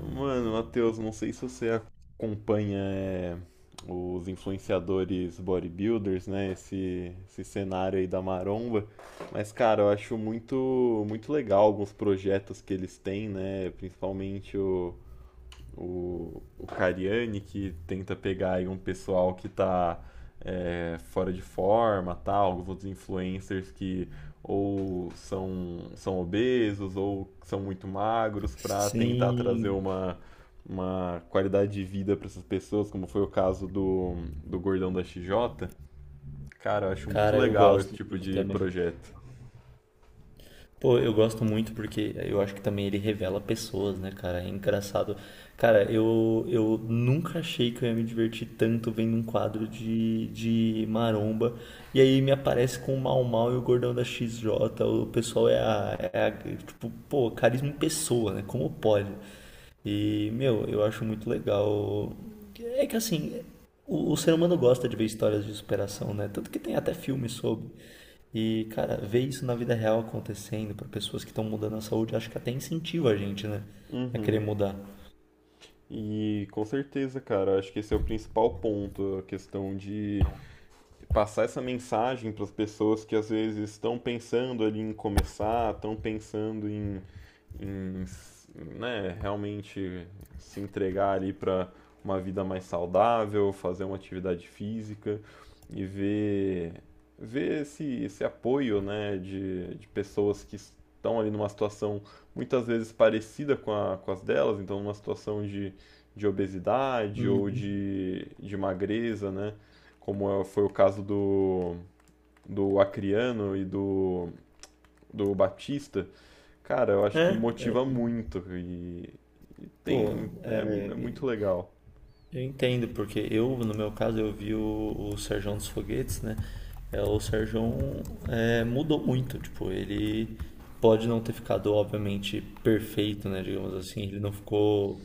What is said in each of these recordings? Mano, Matheus, não sei se você acompanha os influenciadores bodybuilders, né? Esse cenário aí da maromba. Mas, cara, eu acho muito, muito legal alguns projetos que eles têm, né? Principalmente o Cariani, que tenta pegar aí um pessoal que tá fora de forma, tal, alguns outros influencers que ou são obesos ou são muito magros, para tentar trazer Sim, uma qualidade de vida para essas pessoas, como foi o caso do Gordão da XJ. Cara, eu acho muito cara, eu legal esse gosto tipo muito de também. projeto. Pô, eu gosto muito porque eu acho que também ele revela pessoas, né, cara? É engraçado. Cara, eu nunca achei que eu ia me divertir tanto vendo um quadro de maromba. E aí me aparece com o Mau Mau e o Gordão da XJ. O pessoal é a, é a- Tipo, pô, carisma em pessoa, né? Como pode? E, meu, eu acho muito legal. É que assim, o ser humano gosta de ver histórias de superação, né? Tanto que tem até filme sobre. E, cara, ver isso na vida real acontecendo para pessoas que estão mudando a saúde, acho que até incentiva a gente, né, a querer Uhum. mudar. E com certeza, cara, eu acho que esse é o principal ponto, a questão de passar essa mensagem para as pessoas que às vezes estão pensando ali em começar, estão pensando em, né, realmente se entregar ali para uma vida mais saudável, fazer uma atividade física e ver esse apoio, né, de pessoas que estão ali numa situação muitas vezes parecida com a, com as delas, então numa situação de obesidade ou Uhum. De magreza, né, foi o caso do Acriano e do Batista. Cara, eu acho que É, eu- motiva muito e e pô, tem, é, é é, muito legal. eu entendo, porque eu, no meu caso, eu vi o Serjão dos Foguetes, né? O Serjão mudou muito, tipo, ele pode não ter ficado, obviamente, perfeito, né, digamos assim, ele não ficou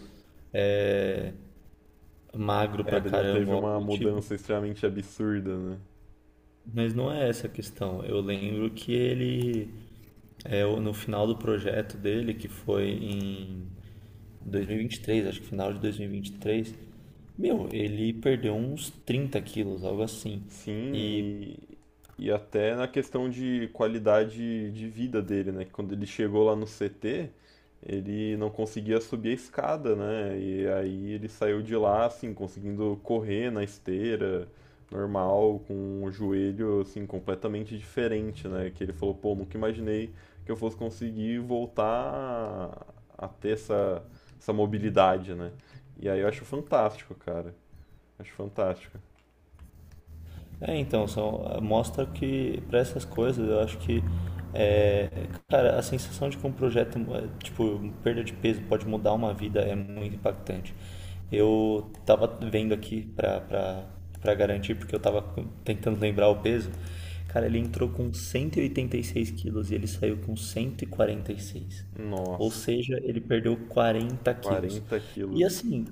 é, magro É, pra ele não caramba, teve algo uma do tipo. mudança extremamente absurda, né? Mas não é essa a questão. Eu lembro que ele É, o- No final do projeto dele, que foi em dois mil e vinte e três, acho que final de dois mil e vinte e três, meu, ele perdeu uns 30 quilos, algo assim. Sim, E e até na questão de qualidade de vida dele, né? Que Quando ele chegou lá no CT, ele não conseguia subir a escada, né? E aí ele saiu de lá, assim, conseguindo correr na esteira, normal, com o joelho, assim, completamente diferente, né? Que ele falou, pô, nunca imaginei que eu fosse conseguir voltar a ter essa mobilidade, né? E aí eu acho fantástico, cara. Acho fantástico. Então, mostra que para essas coisas eu acho que é, cara, a sensação de que um projeto, é, tipo, perda de peso pode mudar uma vida é muito impactante. Eu tava vendo aqui pra garantir, porque tentando lembrar o peso. Cara, ele entrou com 186 quilos e ele saiu com 146. Ou Nossa. seja, ele perdeu 40 quilos. 40 E quilos. assim,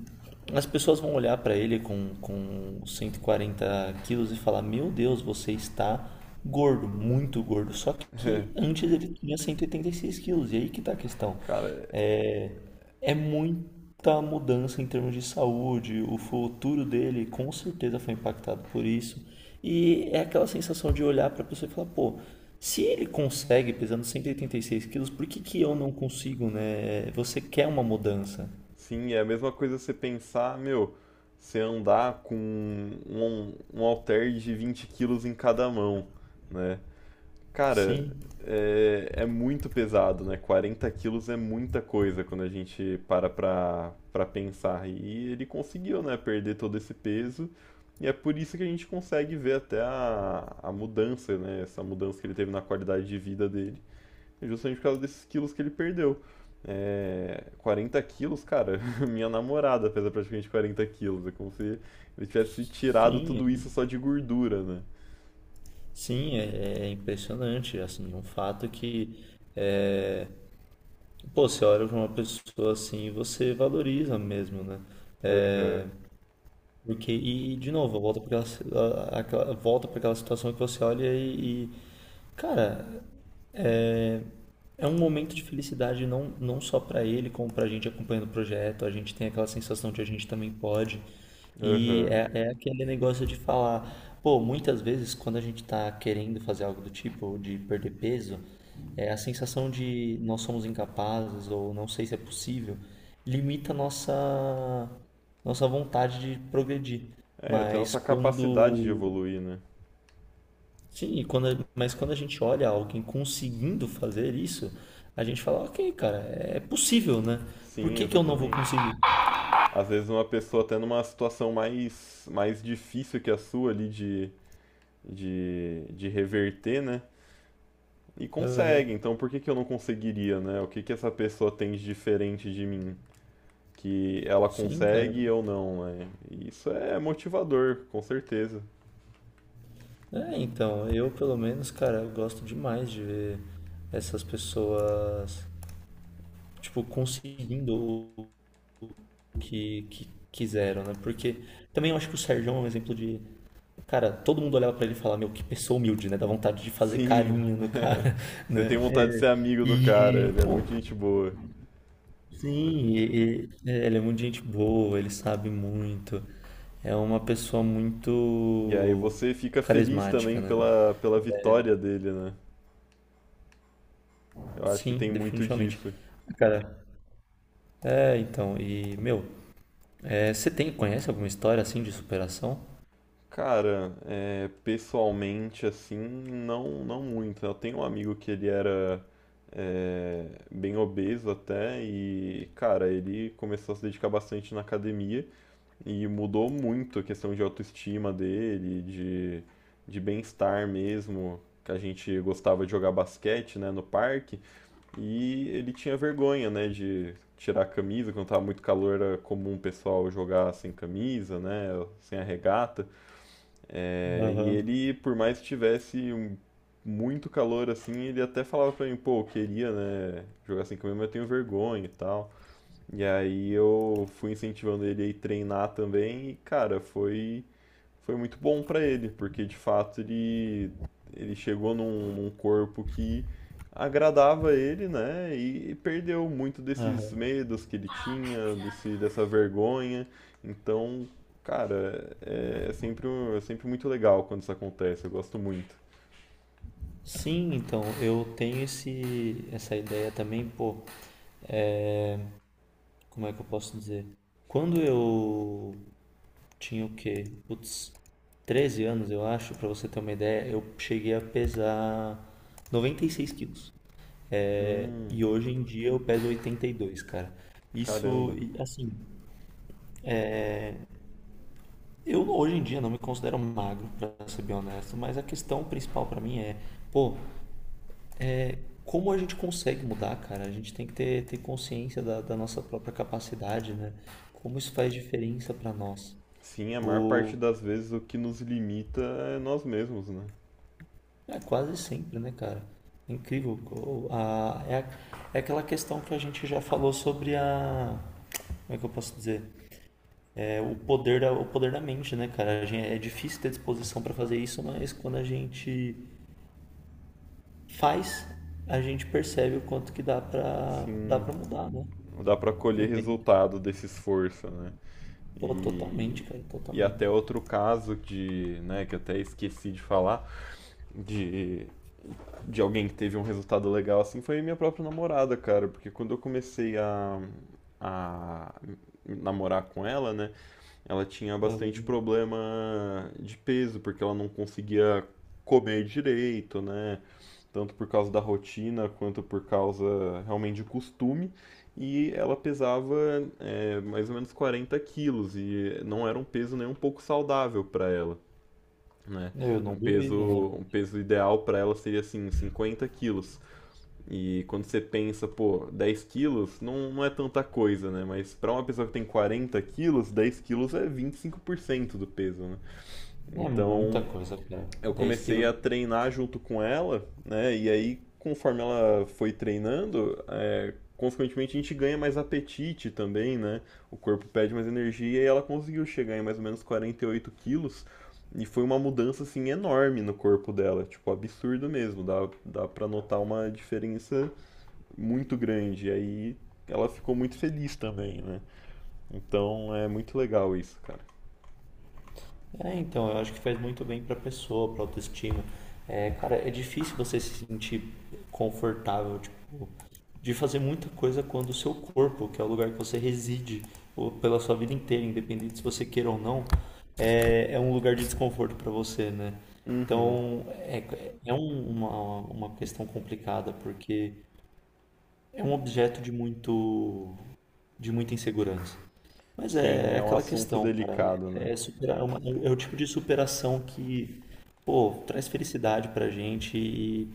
as pessoas vão olhar para ele com 140 quilos e falar: Meu Deus, você está gordo, muito gordo. Só que antes ele tinha cento e oitenta e seis quilos, e aí que tá a questão. Cara, É, é muita mudança em termos de saúde, o futuro dele com certeza foi impactado por isso. E é aquela sensação de olhar para a pessoa e falar: Pô. Se ele consegue pesando cento e oitenta e seis quilos, por que que eu não consigo, né? Você quer uma mudança. sim, é a mesma coisa você pensar, meu, você andar com um halter de 20 quilos em cada mão, né? Cara, Sim, é, é muito pesado, né? 40 quilos é muita coisa quando a gente para pra pensar. E ele conseguiu, né, perder todo esse peso. E é por isso que a gente consegue ver até a mudança, né? Essa mudança que ele teve na qualidade de vida dele. É Justamente por causa desses quilos que ele perdeu. É, 40 quilos, cara, minha namorada pesa praticamente 40 quilos. É como se ele tivesse tirado sim, tudo isso só de gordura, né? sim, é, é impressionante, assim, um fato que, é, pô, você olha para uma pessoa assim e você valoriza mesmo, né? Aham, É, porque, de novo, volta para aquela situação que você olha cara, é é um momento de felicidade não, não só para ele, como para a gente acompanhando o projeto, a gente tem aquela sensação de a gente também pode. E aham. é, é aquele negócio de falar, pô, muitas vezes quando a gente tá querendo fazer algo do tipo, ou de perder peso, é a sensação de nós somos incapazes ou não sei se é possível, limita a nossa vontade de progredir. É, até a Mas nossa capacidade de quando, evoluir, né? sim, mas quando a gente olha alguém conseguindo fazer isso, a gente fala, ok, cara, é possível, né? Por Sim, que que eu não vou exatamente. conseguir? Às vezes uma pessoa até numa situação mais difícil que a sua ali de, de reverter, né? E Aham. consegue, então por que que eu não conseguiria, né? O que que essa pessoa tem de diferente de mim, que ela Sim, cara. consegue e eu não, né? E isso é motivador, com certeza. É, então, eu pelo menos, cara, eu gosto demais de ver essas pessoas, tipo, conseguindo que quiseram, né? Porque também eu acho que o Sérgio é um exemplo de. Cara, todo mundo olhava pra ele e falava, meu, que pessoa humilde, né? Dá vontade de fazer Sim, carinho no cara, você né? tem vontade de ser amigo do cara, E, ele é pô, muito gente boa. sim, e- é, Ele é muito gente boa, ele sabe muito. É uma pessoa E aí muito você fica feliz carismática, também né? pela vitória dele, né? Eu acho que Sim, tem muito definitivamente. disso. Cara, é, então, e, meu, é, você tem, conhece alguma história assim de superação? Cara, é, pessoalmente, assim, não, não muito. Eu tenho um amigo que ele era é, bem obeso até, e, cara, ele começou a se dedicar bastante na academia. E mudou muito a questão de autoestima dele, de bem-estar mesmo, que a gente gostava de jogar basquete, né, no parque, e ele tinha vergonha, né, de tirar a camisa. Quando tava muito calor, era comum o pessoal jogar sem camisa, né, sem a regata. É, e Aham, ele, por mais que tivesse muito calor assim, ele até falava pra mim, pô, eu queria, né, jogar sem camisa, mas eu tenho vergonha e tal. E aí eu fui incentivando ele a ir treinar também e, cara, foi muito bom pra ele, porque de fato ele chegou num corpo que agradava ele, né? E perdeu muito desses aham. medos que ele tinha, dessa vergonha. Então, cara, é, é sempre, é sempre muito legal quando isso acontece, eu gosto muito. Sim, então, eu tenho esse, essa ideia também, pô, como é que eu posso dizer? Quando eu tinha o quê? Putz, 13 anos, eu acho, pra você ter uma ideia, eu cheguei a pesar 96 quilos. É, Hum, e hoje em dia eu peso 82, cara. Isso, caramba. e, assim, eu hoje em dia não me considero magro, pra ser bem honesto, mas a questão principal pra mim é, pô, como a gente consegue mudar, cara? A gente tem que ter consciência da, da nossa própria capacidade, né? Como isso faz diferença pra nós. Sim, a maior parte O, das vezes, o que nos limita é nós mesmos, né? é quase sempre, né, cara? É incrível. É aquela questão que a gente já falou sobre a. Como é que eu posso dizer? É o poder da mente, né, cara? A gente, é difícil ter disposição pra fazer isso, mas quando a gente faz, a gente percebe o quanto que dá Sim. pra mudar, né? Dá para Pro colher bem. resultado desse esforço, né? Pô, totalmente, E, cara, e até totalmente. outro caso de, né, que até esqueci de falar, de, de alguém que teve um resultado legal assim, foi minha própria namorada, cara, porque quando eu comecei a namorar com ela, né, ela tinha bastante Eu, problema de peso, porque ela não conseguia comer direito, né? Tanto por causa da rotina quanto por causa realmente de costume. E ela pesava mais ou menos 40 quilos, e não era um peso nem um pouco saudável para ela, né? eu não Um duvido, né? peso, um peso ideal para ela seria assim 50 quilos. E quando você pensa, pô, 10 quilos não, não é tanta coisa, né? Mas para uma pessoa que tem 40 quilos, 10 quilos é 25% do peso, né? É muita Então, coisa, cara. eu 10 comecei quilos. a treinar junto com ela, né? E aí, conforme ela foi treinando, consequentemente a gente ganha mais apetite também, né? O corpo pede mais energia, e ela conseguiu chegar em mais ou menos 48 quilos. E foi uma mudança, assim, enorme no corpo dela. Tipo, absurdo mesmo. Dá pra notar uma diferença muito grande. E aí ela ficou muito feliz também, né? Então é muito legal isso, cara. É, então, eu acho que faz muito bem pra pessoa, pra autoestima. É, cara, é difícil você se sentir confortável, tipo, de fazer muita coisa quando o seu corpo, que é o lugar que você reside ou pela sua vida inteira, independente se você queira ou não, é, é um lugar de desconforto pra você, né? Uhum. Então, é uma questão complicada, porque é um objeto de muito, de muita insegurança. Mas Sim, é é um aquela assunto questão, cara. delicado, né? É, superar é uma- É o tipo de superação que, pô, traz felicidade pra gente. E,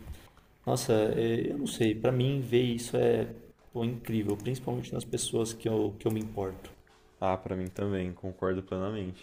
nossa, é, eu não sei. Pra mim, ver isso é, pô, incrível, principalmente nas pessoas que eu me importo. Ah, pra mim também, concordo plenamente.